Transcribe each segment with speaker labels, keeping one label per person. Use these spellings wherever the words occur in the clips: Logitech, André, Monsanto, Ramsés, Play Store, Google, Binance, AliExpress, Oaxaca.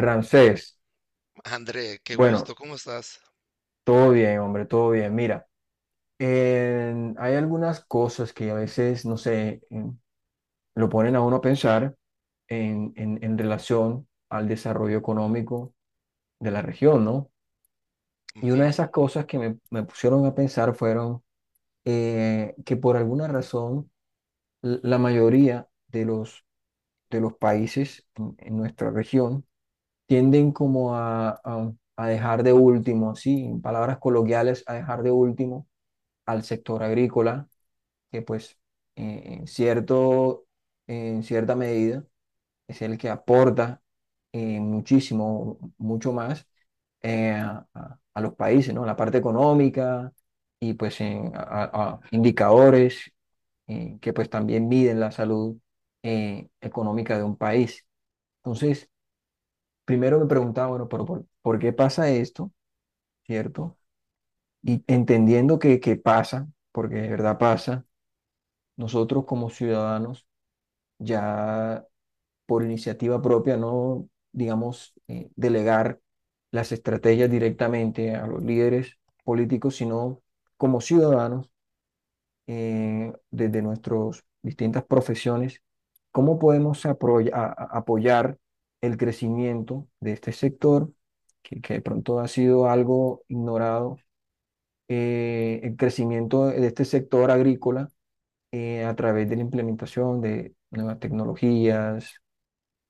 Speaker 1: Ramsés,
Speaker 2: André, qué
Speaker 1: bueno,
Speaker 2: gusto, ¿cómo estás?
Speaker 1: todo bien, hombre, todo bien. Mira, hay algunas cosas que a veces, no sé, lo ponen a uno a pensar en relación al desarrollo económico de la región, ¿no? Y
Speaker 2: Ujú,
Speaker 1: una de esas cosas que me pusieron a pensar fueron que por alguna razón la mayoría de de los países en nuestra región tienden como a dejar de último, sí, en palabras coloquiales, a dejar de último al sector agrícola, que pues eh, en cierto, en cierta medida es el que aporta muchísimo, mucho más a los países, ¿no? La parte económica y pues a indicadores que pues también miden la salud económica de un país. Entonces, primero me preguntaba, bueno, pero por qué pasa esto? ¿Cierto? Y entendiendo que pasa, porque de verdad pasa. Nosotros como ciudadanos, ya por iniciativa propia, no, digamos, delegar las estrategias directamente a los líderes políticos, sino como ciudadanos, desde nuestras distintas profesiones, cómo podemos apoyar el crecimiento de este sector, que de pronto ha sido algo ignorado, el crecimiento de este sector agrícola a través de la implementación de nuevas tecnologías,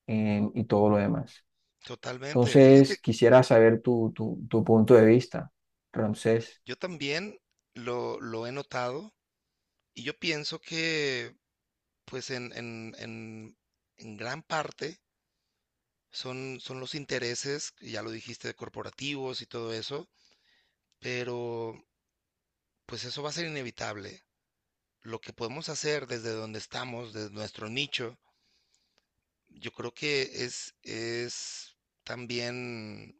Speaker 1: y todo lo demás.
Speaker 2: totalmente. Fíjate,
Speaker 1: Entonces, quisiera saber tu punto de vista, Ramsés.
Speaker 2: yo también lo he notado y yo pienso que, pues, en gran parte son los intereses, ya lo dijiste, de corporativos y todo eso, pero pues eso va a ser inevitable. Lo que podemos hacer desde donde estamos, desde nuestro nicho, yo creo que es también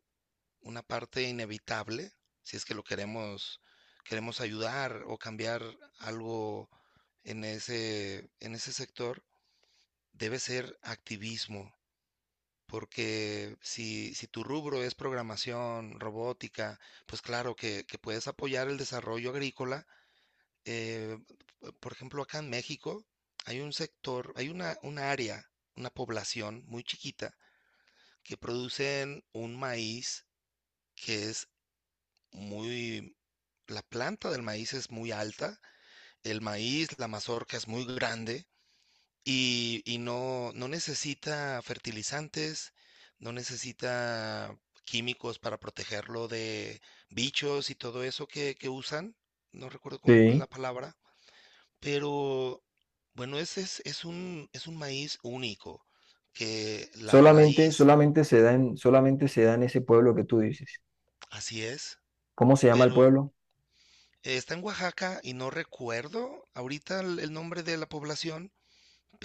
Speaker 2: una parte inevitable, si es que lo queremos, queremos ayudar o cambiar algo en ese sector, debe ser activismo, porque si tu rubro es programación, robótica, pues claro que puedes apoyar el desarrollo agrícola. Eh, por ejemplo, acá en México hay un sector, hay una, un área, una población muy chiquita que producen un maíz que es muy, la planta del maíz es muy alta, el maíz, la mazorca es muy grande y no, no necesita fertilizantes, no necesita químicos para protegerlo de bichos y todo eso que usan. No recuerdo cómo es la
Speaker 1: Sí.
Speaker 2: palabra, pero bueno, ese es un maíz único, que la
Speaker 1: Solamente,
Speaker 2: raíz,
Speaker 1: solamente se da en, solamente se da en ese pueblo que tú dices.
Speaker 2: así es,
Speaker 1: ¿Cómo se llama el
Speaker 2: pero
Speaker 1: pueblo?
Speaker 2: Está en Oaxaca y no recuerdo ahorita el nombre de la población,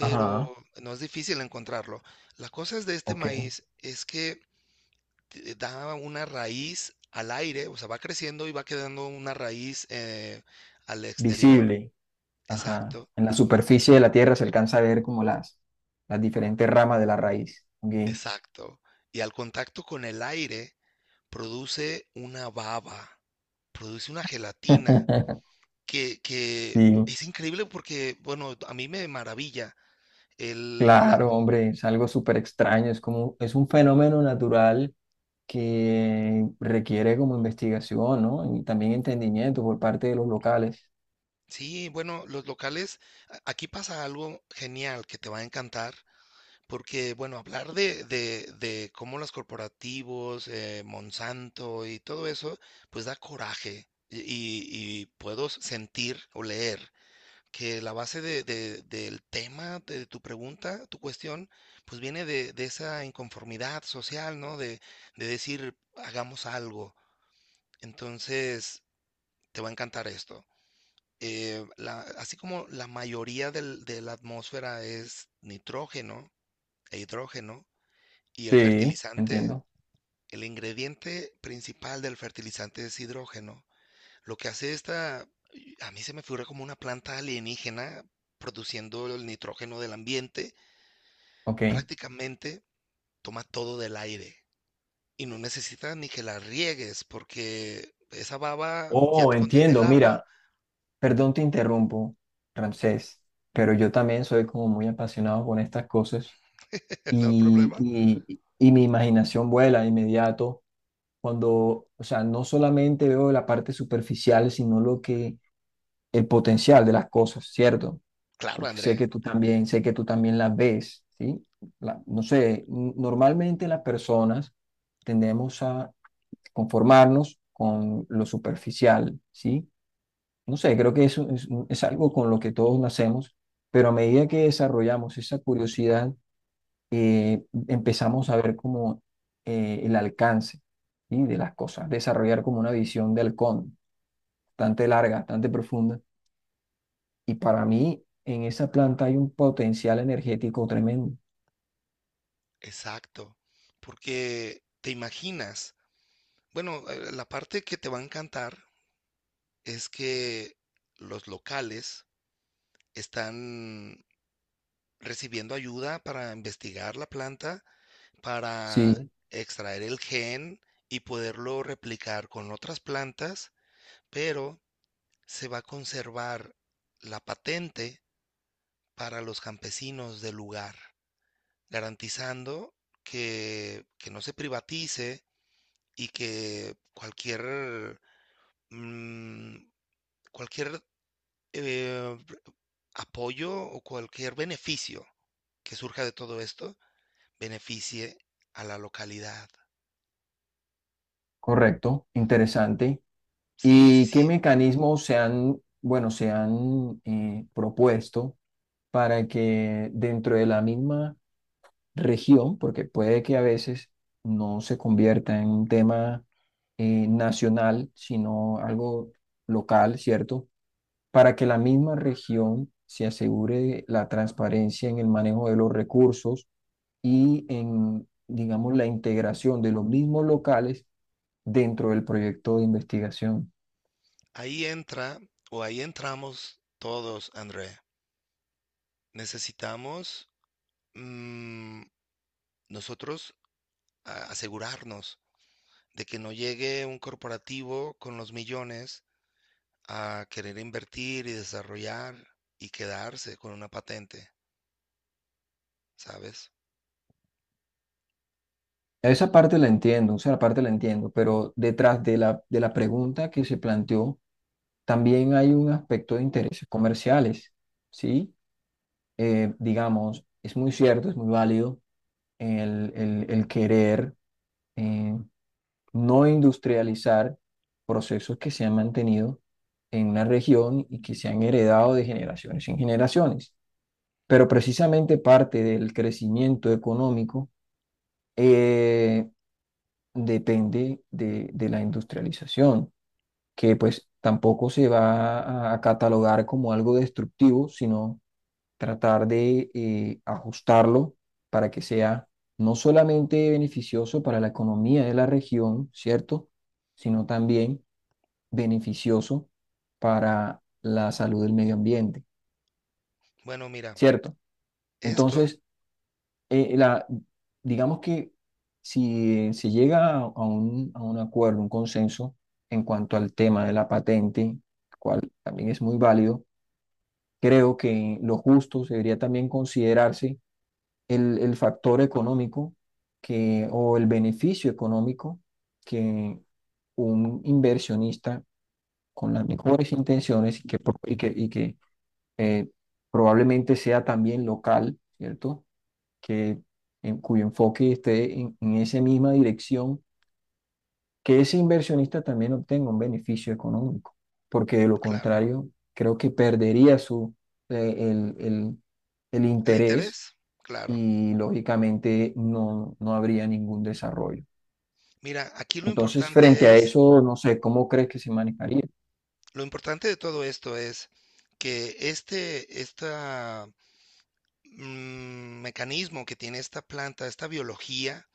Speaker 1: Ajá,
Speaker 2: no es difícil encontrarlo. La cosa es de este
Speaker 1: ok.
Speaker 2: maíz es que te da una raíz al aire, o sea, va creciendo y va quedando una raíz al exterior.
Speaker 1: Visible. Ajá.
Speaker 2: Exacto,
Speaker 1: En la superficie de la tierra se alcanza a ver como las diferentes ramas de la raíz. Ok.
Speaker 2: exacto. Y al contacto con el aire produce una baba, produce una gelatina que
Speaker 1: Sí.
Speaker 2: es increíble porque, bueno, a mí me maravilla el, la
Speaker 1: Claro, hombre, es algo súper extraño, es como, es un fenómeno natural que requiere como investigación, ¿no? Y también entendimiento por parte de los locales.
Speaker 2: sí, bueno, los locales, aquí pasa algo genial que te va a encantar, porque, bueno, hablar de cómo los corporativos, Monsanto y todo eso, pues da coraje. Y, y puedo sentir o leer que la base del tema, de tu pregunta, tu cuestión, pues viene de esa inconformidad social, ¿no? De decir, hagamos algo. Entonces, te va a encantar esto así como la mayoría de la atmósfera es nitrógeno e hidrógeno, y el
Speaker 1: Sí,
Speaker 2: fertilizante,
Speaker 1: entiendo.
Speaker 2: el ingrediente principal del fertilizante es hidrógeno. Lo que hace esta, y a mí se me figura como una planta alienígena produciendo el nitrógeno del ambiente,
Speaker 1: Ok.
Speaker 2: prácticamente toma todo del aire y no necesita ni que la riegues porque esa baba ya
Speaker 1: Oh,
Speaker 2: contiene el
Speaker 1: entiendo,
Speaker 2: agua,
Speaker 1: mira, perdón te interrumpo, Ramsés, pero yo también soy como muy apasionado con estas cosas
Speaker 2: no hay
Speaker 1: y,
Speaker 2: problema.
Speaker 1: y, y mi imaginación vuela de inmediato cuando, o sea, no solamente veo la parte superficial, sino lo que, el potencial de las cosas, ¿cierto?
Speaker 2: Claro,
Speaker 1: Porque
Speaker 2: André.
Speaker 1: sé que tú también, sé que tú también las ves, ¿sí? No sé, normalmente las personas tendemos a conformarnos con lo superficial, ¿sí? No sé, creo que eso es, mm, es algo con lo que todos nacemos, pero a medida que desarrollamos esa curiosidad, empezamos a ver como el alcance, ¿sí? de las cosas, desarrollar como una visión de halcón, bastante larga, bastante profunda, y para mí en esa planta hay un potencial energético tremendo.
Speaker 2: Exacto, porque te imaginas, bueno, la parte que te va a encantar es que los locales están recibiendo ayuda para investigar la planta, para
Speaker 1: Sí,
Speaker 2: extraer el gen y poderlo replicar con otras plantas, pero se va a conservar la patente para los campesinos del lugar, garantizando que no se privatice y que cualquier, mm, cualquier eh, apoyo o cualquier beneficio que surja de todo esto beneficie a la localidad.
Speaker 1: correcto, interesante.
Speaker 2: Sí, sí,
Speaker 1: ¿Y qué
Speaker 2: sí.
Speaker 1: mecanismos se han, bueno, se han propuesto para que dentro de la misma región, porque puede que a veces no se convierta en un tema nacional, sino algo local, ¿cierto? Para que la misma región se asegure la transparencia en el manejo de los recursos y en, digamos, la integración de los mismos locales dentro del proyecto de investigación.
Speaker 2: Ahí entra o ahí entramos todos, André. Necesitamos mm, nosotros asegurarnos de que no llegue un corporativo con los millones a querer invertir y desarrollar y quedarse con una patente. ¿Sabes?
Speaker 1: Esa parte la entiendo, esa parte la entiendo, pero detrás de de la pregunta que se planteó, también hay un aspecto de intereses comerciales, ¿sí? Digamos, es muy cierto, es muy válido el querer eh, no industrializar procesos que se han mantenido en una región y que se han heredado de generaciones en generaciones. Pero precisamente parte del crecimiento económico eh, depende de la industrialización, que pues tampoco se va a catalogar como algo destructivo, sino tratar de ajustarlo para que sea no solamente beneficioso para la economía de la región, ¿cierto? Sino también beneficioso para la salud del medio ambiente,
Speaker 2: Bueno, mira,
Speaker 1: ¿cierto?
Speaker 2: esto,
Speaker 1: Entonces, eh, la, digamos que si se llega a un acuerdo, un consenso en cuanto al tema de la patente, cual también es muy válido, creo que lo justo debería también considerarse el factor económico que, o el beneficio económico que un inversionista con las mejores intenciones y que, eh, probablemente sea también local, ¿cierto? Que, en cuyo enfoque esté en esa misma dirección, que ese inversionista también obtenga un beneficio económico, porque de lo
Speaker 2: claro.
Speaker 1: contrario, creo que perdería su, eh, el, el- el
Speaker 2: El
Speaker 1: interés
Speaker 2: interés, claro.
Speaker 1: y lógicamente no, no habría ningún desarrollo.
Speaker 2: Mira, aquí lo
Speaker 1: Entonces, frente
Speaker 2: importante
Speaker 1: a
Speaker 2: es,
Speaker 1: eso, no sé, ¿cómo crees que se manejaría?
Speaker 2: lo importante de todo esto es que esta mecanismo que tiene esta planta, esta biología,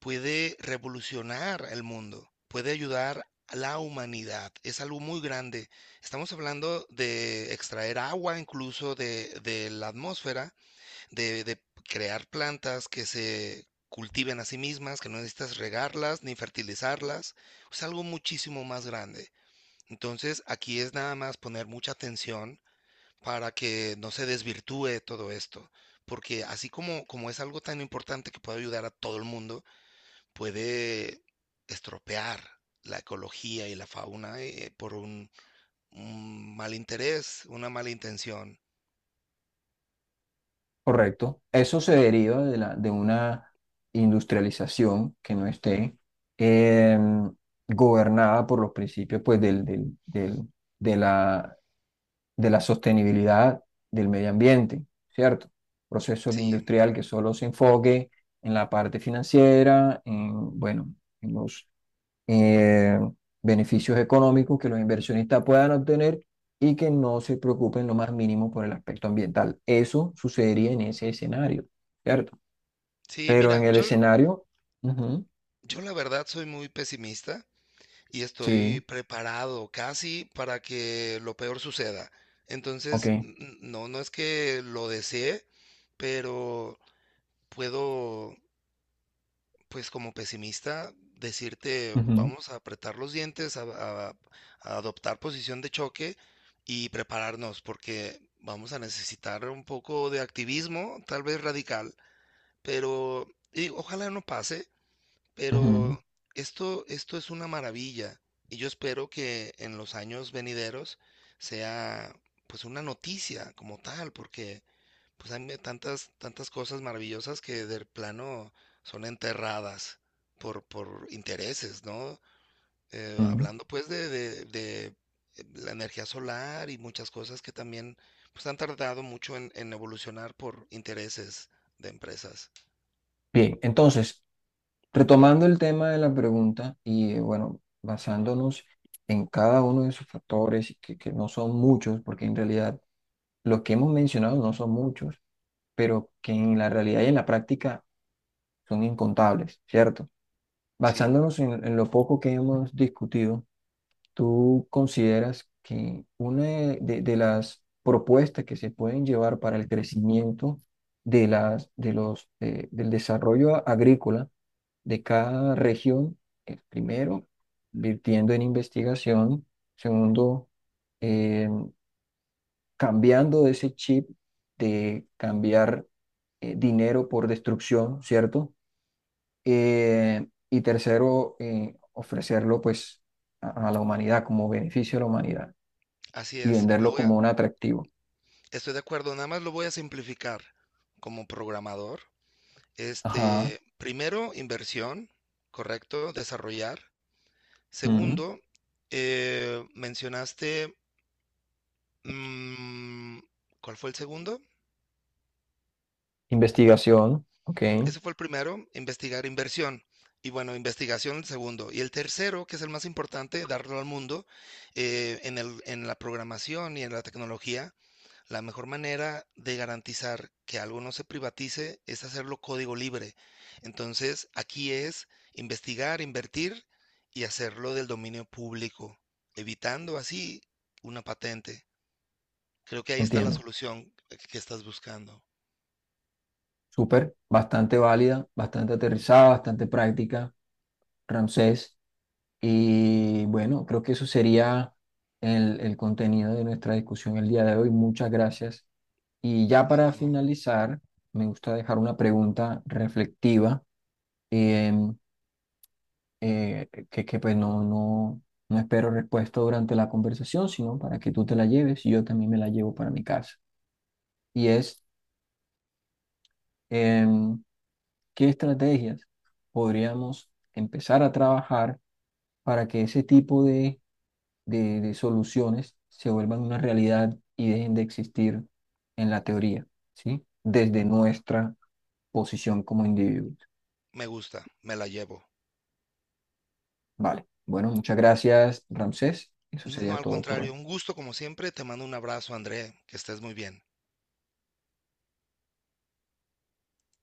Speaker 2: puede revolucionar el mundo, puede ayudar a la humanidad. Es algo muy grande. Estamos hablando de extraer agua incluso de la atmósfera de crear plantas que se cultiven a sí mismas, que no necesitas regarlas ni fertilizarlas, es algo muchísimo más grande. Entonces, aquí es nada más poner mucha atención para que no se desvirtúe todo esto, porque así como, como es algo tan importante que puede ayudar a todo el mundo, puede estropear la ecología y la fauna por un mal interés, una mala intención.
Speaker 1: Correcto. Eso se deriva de, la, de una industrialización que no esté, em, gobernada por los principios pues, de la, de la sostenibilidad del medio ambiente, ¿cierto? Proceso
Speaker 2: Sí,
Speaker 1: industrial que solo se enfoque en la parte financiera, en, bueno, en los eh, beneficios económicos que los inversionistas puedan obtener y que no se preocupen lo más mínimo por el aspecto ambiental. Eso sucedería en ese escenario, ¿cierto?
Speaker 2: sí,
Speaker 1: Pero
Speaker 2: mira,
Speaker 1: en el
Speaker 2: yo
Speaker 1: escenario, ujú,
Speaker 2: yo la verdad soy muy pesimista y estoy
Speaker 1: sí,
Speaker 2: preparado casi para que lo peor suceda.
Speaker 1: ok.
Speaker 2: Entonces, no, no es que lo desee, pero puedo, pues como pesimista, decirte,
Speaker 1: Ujú,
Speaker 2: vamos a apretar los dientes, a, a adoptar posición de choque y prepararnos, porque vamos a necesitar un poco de activismo, tal vez radical, pero y ojalá no pase.
Speaker 1: ujú,
Speaker 2: Pero esto es una maravilla y yo espero que en los años venideros sea pues una noticia como tal, porque pues hay tantas, tantas cosas maravillosas que del plano son enterradas por intereses, ¿no?
Speaker 1: ujú.
Speaker 2: Hablando pues la energía solar y muchas cosas que también pues han tardado mucho en evolucionar por intereses de empresas.
Speaker 1: Bien, entonces, retomando el tema de la pregunta y bueno, basándonos en cada uno de esos factores, que no son muchos, porque en realidad los que hemos mencionado no son muchos, pero que en la realidad y en la práctica son incontables, ¿cierto?
Speaker 2: Sí,
Speaker 1: Basándonos en lo poco que hemos discutido, ¿tú consideras que una de las propuestas que se pueden llevar para el crecimiento de las, de los, del desarrollo agrícola de cada región es, primero, invirtiendo en investigación, segundo, eh, cambiando ese chip de cambiar dinero por destrucción, ¿cierto? Y tercero, ofrecerlo pues a la humanidad como beneficio a la humanidad
Speaker 2: así
Speaker 1: y
Speaker 2: es. Lo
Speaker 1: venderlo
Speaker 2: voy a-
Speaker 1: como un atractivo.
Speaker 2: estoy de acuerdo, nada más lo voy a simplificar como programador.
Speaker 1: Ajá.
Speaker 2: Este, primero, inversión, correcto, desarrollar.
Speaker 1: Ujú.
Speaker 2: Segundo, mencionaste, mm, ¿cuál fue el segundo?
Speaker 1: Investigación, ok,
Speaker 2: Ese fue el primero, investigar inversión. Y bueno, investigación el segundo. Y el tercero, que es el más importante, darlo al mundo en en la programación y en la tecnología, la mejor manera de garantizar que algo no se privatice es hacerlo código libre. Entonces, aquí es investigar, invertir y hacerlo del dominio público, evitando así una patente. Creo que ahí está la
Speaker 1: entiendo.
Speaker 2: solución que estás buscando.
Speaker 1: Súper, bastante válida, bastante aterrizada, bastante práctica, Ramsés. Y bueno, creo que eso sería el contenido de nuestra discusión el día de hoy. Muchas gracias. Y ya
Speaker 2: No,
Speaker 1: para
Speaker 2: no, no.
Speaker 1: finalizar, me gusta dejar una pregunta reflectiva. Eh, pues no espero respuesta durante la conversación, sino para que tú te la lleves y yo también me la llevo para mi casa. Y es, em, ¿qué estrategias podríamos empezar a trabajar para que ese tipo de soluciones se vuelvan una realidad y dejen de existir en la teoría, ¿sí? Desde nuestra posición como individuos.
Speaker 2: Me gusta, me la llevo.
Speaker 1: Vale. Bueno, muchas gracias, Ramsés. Eso
Speaker 2: No, no,
Speaker 1: sería
Speaker 2: al
Speaker 1: todo por
Speaker 2: contrario,
Speaker 1: hoy.
Speaker 2: un gusto como siempre. Te mando un abrazo, André. Que estés muy bien.